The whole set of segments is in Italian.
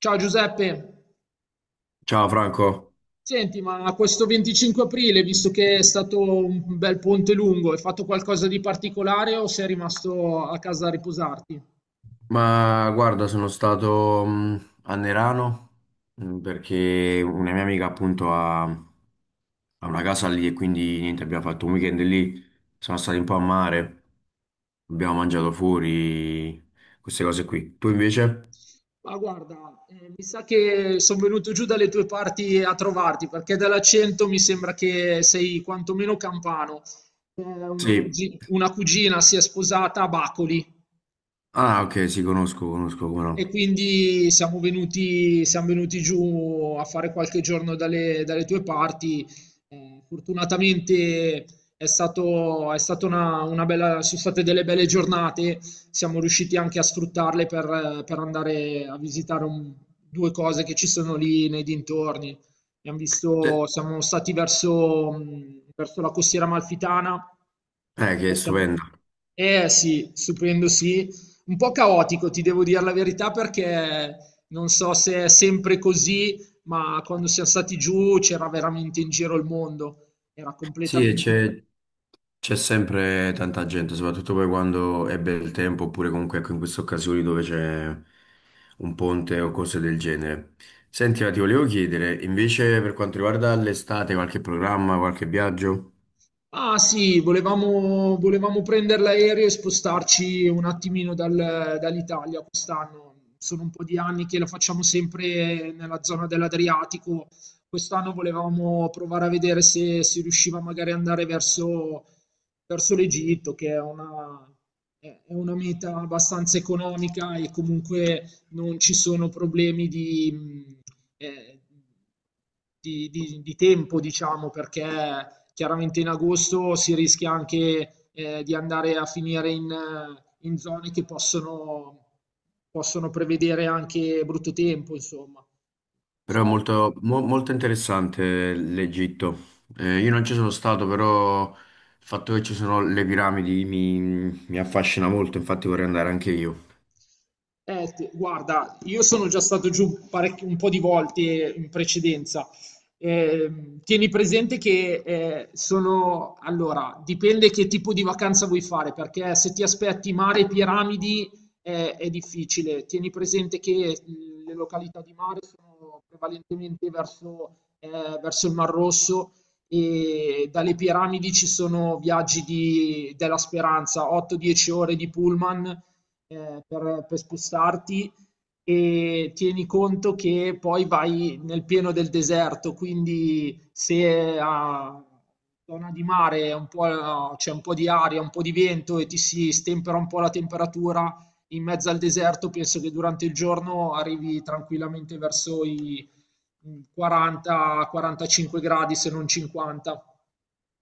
Ciao Giuseppe, Ciao Franco, senti, ma questo 25 aprile, visto che è stato un bel ponte lungo, hai fatto qualcosa di particolare o sei rimasto a casa a riposarti? ma guarda, sono stato a Nerano perché una mia amica appunto ha una casa lì e quindi niente, abbiamo fatto un weekend lì, siamo stati un po' a mare, abbiamo mangiato fuori, queste cose qui. Tu invece? Ma guarda, mi sa che sono venuto giù dalle tue parti a trovarti, perché dall'accento mi sembra che sei quantomeno campano. Sì. Una cugina si è sposata a Bacoli. Ah, ok, sì, conosco, conosco, come E no. quindi siamo venuti giù a fare qualche giorno dalle tue parti. Fortunatamente è stata una bella, sono state delle belle giornate, siamo riusciti anche a sfruttarle per andare a visitare due cose che ci sono lì nei dintorni. Sì. Siamo stati verso, verso la costiera amalfitana, Che è poi siamo, stupenda. eh sì, stupendo sì, un po' caotico, ti devo dire la verità, perché non so se è sempre così, ma quando siamo stati giù c'era veramente in giro il mondo, era Sì, e completamente. c'è sempre tanta gente, soprattutto poi quando è bel tempo, oppure comunque ecco, in queste occasioni dove c'è un ponte o cose del genere. Senti, ma ti volevo chiedere, invece per quanto riguarda l'estate, qualche programma, qualche viaggio? Ah sì, volevamo prendere l'aereo e spostarci un attimino dall'Italia quest'anno. Sono un po' di anni che lo facciamo sempre nella zona dell'Adriatico. Quest'anno volevamo provare a vedere se si riusciva magari ad andare verso, verso l'Egitto, che è una meta abbastanza economica e comunque non ci sono problemi eh, di di tempo, diciamo, perché chiaramente in agosto si rischia anche di andare a finire in, in zone che possono, possono prevedere anche brutto tempo, insomma. Però è So, molto, molto interessante l'Egitto. Io non ci sono stato, però il fatto che ci sono le piramidi mi affascina molto, infatti vorrei andare anche io. eh, guarda, io sono già stato giù un po' di volte in precedenza. Tieni presente che sono... Allora, dipende che tipo di vacanza vuoi fare, perché se ti aspetti mare e piramidi è difficile. Tieni presente che le località di mare sono prevalentemente verso, verso il Mar Rosso e dalle piramidi ci sono della speranza, 8-10 ore di pullman per spostarti, e tieni conto che poi vai nel pieno del deserto, quindi se a zona di mare è un po', c'è un po' di aria, un po' di vento e ti si stempera un po' la temperatura in mezzo al deserto, penso che durante il giorno arrivi tranquillamente verso i 40-45 gradi, se non 50.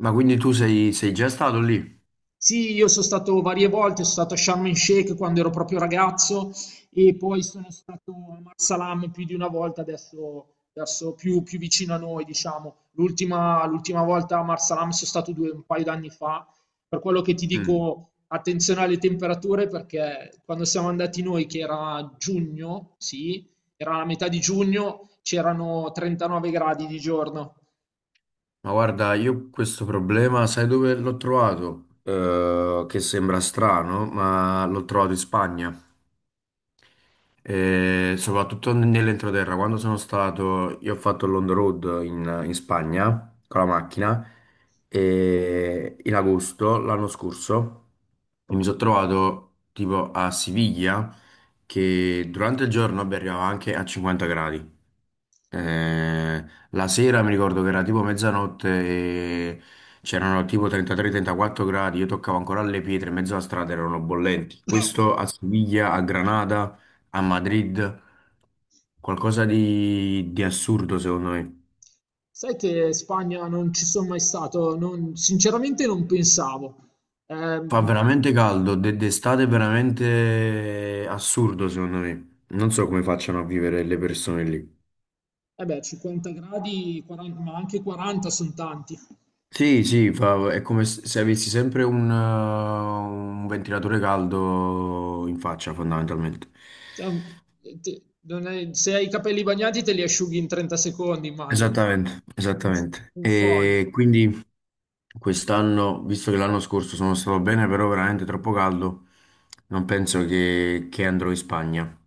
Ma quindi tu sei già stato lì? Sì, io sono stato varie volte, sono stato a Sharm el Sheikh quando ero proprio ragazzo e poi sono stato a Marsalam più di una volta, adesso più vicino a noi, diciamo. L'ultima volta a Marsalam sono stato un paio d'anni fa, per quello che ti Mm. dico attenzione alle temperature perché quando siamo andati noi, che era giugno, sì, era la metà di giugno, c'erano 39 gradi di giorno. Ma guarda, io questo problema, sai dove l'ho trovato? Che sembra strano, ma l'ho trovato in Spagna. E soprattutto nell'entroterra, quando sono stato, io ho fatto l'on the road in Spagna con la macchina e in agosto l'anno scorso e mi sono trovato tipo a Siviglia che durante il giorno vabbè, arrivava anche a 50 gradi. Eh, la sera mi ricordo che era tipo mezzanotte e c'erano tipo 33-34 gradi, io toccavo ancora le pietre, in mezzo alla strada erano bollenti. Questo a Siviglia, a Granada, a Madrid, qualcosa di assurdo secondo me. Sai che in Spagna non ci sono mai stato, sinceramente non pensavo. Fa Ehm, veramente caldo, d'estate è veramente assurdo secondo me. Non so come facciano a vivere le persone lì. eh beh, 50 gradi, 40, ma anche 40 sono tanti. Sì, sì, è come se avessi sempre un ventilatore caldo in faccia, fondamentalmente. Cioè, un- te- non è- Se hai i capelli bagnati te li asciughi in 30 secondi, immagino. Esattamente, Un f- esattamente. un phon. E quindi quest'anno, visto che l'anno scorso sono stato bene, però veramente troppo caldo, non penso che andrò in Spagna.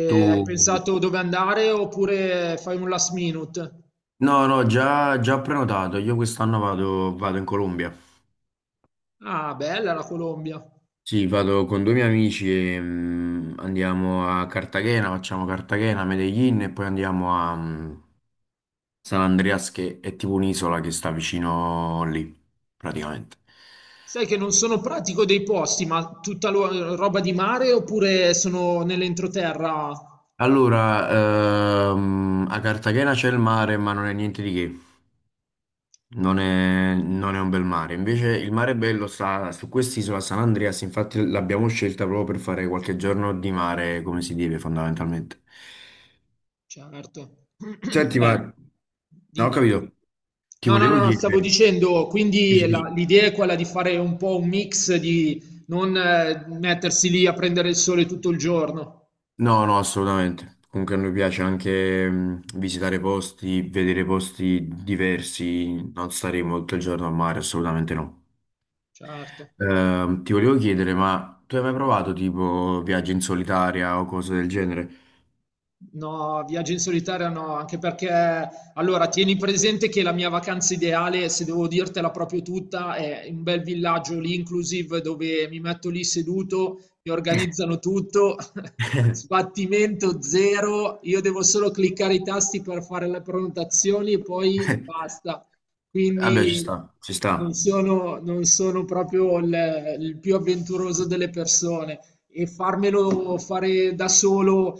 E hai Tu? pensato dove andare oppure fai un last minute? No, no, già prenotato. Io quest'anno vado in Colombia. Ah, bella la Colombia. Sì, vado con due miei amici e andiamo a Cartagena, facciamo Cartagena, Medellin e poi andiamo a San Andreas che è tipo un'isola che sta vicino lì, praticamente. Sai che non sono pratico dei posti, ma tutta roba di mare oppure sono nell'entroterra? Allora, a Cartagena c'è il mare, ma non è niente di che, non è un bel mare. Invece il mare bello sta su quest'isola San Andreas, infatti l'abbiamo scelta proprio per fare qualche giorno di mare come si deve fondamentalmente. Certo. Senti, Beh, ma... No, ho dimmi. capito. Ti No, no, no, volevo no, stavo chiedere, dicendo, dici, quindi dici. l'idea è quella di fare un po' un mix, di non mettersi lì a prendere il sole tutto il giorno. No, no, assolutamente. Comunque a noi piace anche visitare posti, vedere posti diversi, non staremo tutto il giorno al mare, assolutamente no. Certo. Ti volevo chiedere, ma tu hai mai provato tipo viaggi in solitaria o cose del genere? No, viaggi in solitaria no, anche perché, allora, tieni presente che la mia vacanza ideale, se devo dirtela proprio tutta, è un bel villaggio lì inclusive dove mi metto lì seduto, mi organizzano tutto sbattimento zero, io devo solo cliccare i tasti per fare le prenotazioni e poi basta. Vabbè, ci Quindi sta, ci sta. Non sono proprio il più avventuroso delle persone, e farmelo fare da solo,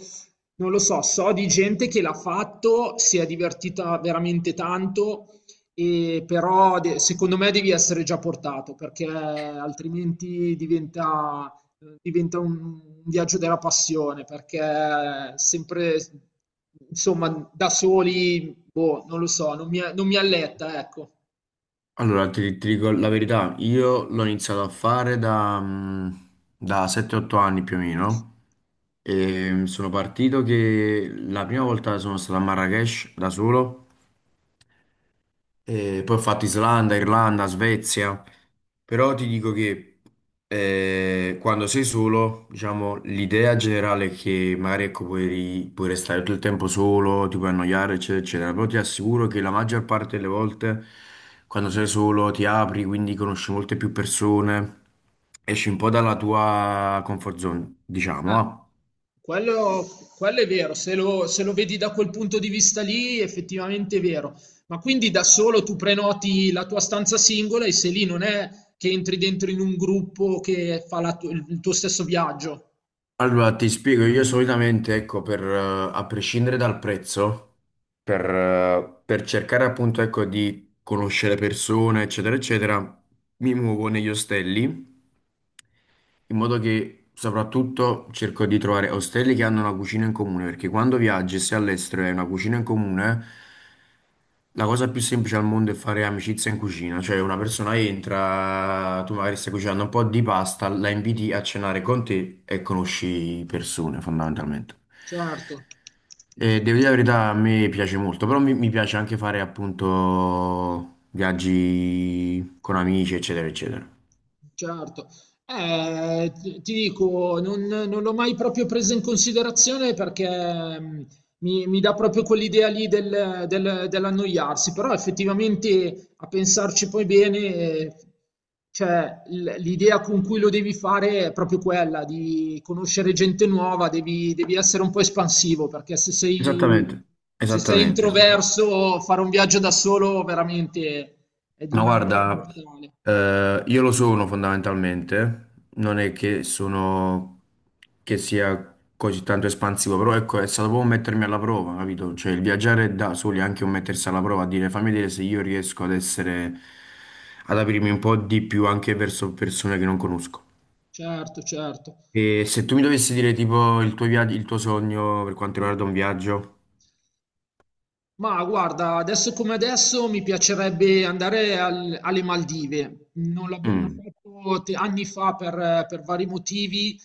non lo so, so di gente che l'ha fatto, si è divertita veramente tanto, e però de- secondo me devi essere già portato perché altrimenti diventa un viaggio della passione perché sempre, insomma, da soli, boh, non lo so, non mi alletta, ecco. Allora, ti dico la verità, io l'ho iniziato a fare da, mm, da 7-8 anni più o meno. E sono partito che la prima volta sono stato a Marrakesh da solo e poi ho fatto Islanda, Irlanda, Svezia, però ti dico che quando sei solo, diciamo, l'idea generale è che magari ecco, puoi restare tutto il tempo solo, ti puoi annoiare, eccetera, eccetera, però ti assicuro che la maggior parte delle volte quando sei solo ti apri, quindi conosci molte più persone, esci un po' dalla tua comfort zone, diciamo, Ah, ah. quello, quello è vero, se lo vedi da quel punto di vista lì, effettivamente è vero. Ma quindi da solo tu prenoti la tua stanza singola e se lì non è che entri dentro in un gruppo che fa il tuo stesso viaggio. Allora, ti spiego, io solitamente, ecco, a prescindere dal prezzo, per cercare appunto, ecco, di conoscere persone, eccetera, eccetera, mi muovo negli ostelli in modo che soprattutto cerco di trovare ostelli che hanno una cucina in comune, perché quando viaggi e sei all'estero e hai una cucina in comune, la cosa più semplice al mondo è fare amicizia in cucina, cioè una persona entra, tu magari stai cucinando un po' di pasta, la inviti a cenare con te e conosci persone fondamentalmente. Certo. E devo dire la verità, a me piace molto, però mi piace anche fare appunto viaggi con amici, eccetera, eccetera. Certo. Ti dico, non l'ho mai proprio presa in considerazione perché mh, mi dà proprio quell'idea lì dell'annoiarsi, però effettivamente a pensarci poi bene, cioè, l'idea con cui lo devi fare è proprio quella di conoscere gente nuova, devi essere un po' espansivo perché se sei, Esattamente, se sei esattamente, esattamente. introverso fare un viaggio da solo veramente è di Ma una noia guarda, mortale. Io lo sono fondamentalmente, non è che sono che sia così tanto espansivo, però ecco, è stato proprio mettermi alla prova, capito? Cioè il viaggiare da soli è anche un mettersi alla prova, a dire fammi vedere se io riesco ad essere, ad aprirmi un po' di più anche verso persone che non conosco. Certo, certo. E se tu mi dovessi dire tipo il tuo viaggio, il tuo sogno per quanto riguarda un viaggio, Ma guarda, adesso come adesso mi piacerebbe andare alle Maldive. Non l'abbiamo mm, fatto anni fa per vari motivi.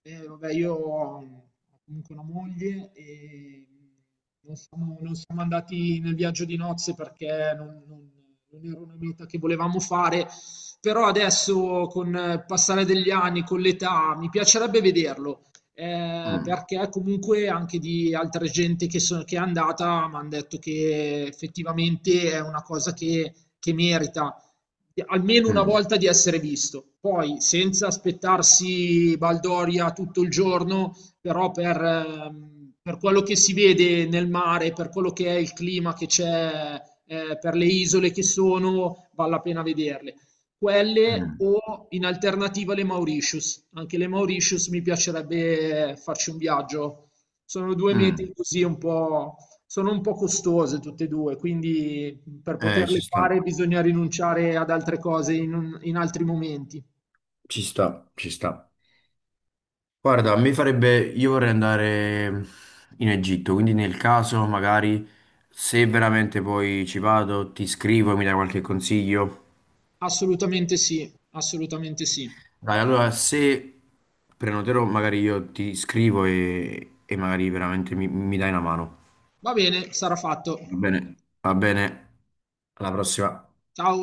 Vabbè, io ho comunque una moglie e non siamo andati nel viaggio di nozze perché non era una meta che volevamo fare. Però adesso, con il passare degli anni, con l'età, mi piacerebbe vederlo mm, perché comunque anche di altra gente che è andata mi hanno detto che effettivamente è una cosa che merita almeno una mm, volta di essere visto. Poi senza aspettarsi Baldoria tutto il giorno, però per quello che si vede nel mare, per quello che è il clima che c'è, per le isole che sono, vale la pena vederle. Quelle mm, o in alternativa le Mauritius. Anche le Mauritius mi piacerebbe farci un viaggio. Sono due mete mm. così un po', sono un po' costose tutte e due, quindi per Ci poterle sta, fare bisogna rinunciare ad altre cose in, in altri momenti. ci sta, ci sta. Guarda, a me farebbe, io vorrei andare in Egitto, quindi nel caso magari se veramente poi ci vado, ti scrivo e mi dai qualche consiglio. Assolutamente sì, assolutamente sì. Dai, allora se prenoterò magari io ti scrivo e magari veramente mi dai una mano. Va bene, sarà fatto. Va bene, alla prossima. Ciao.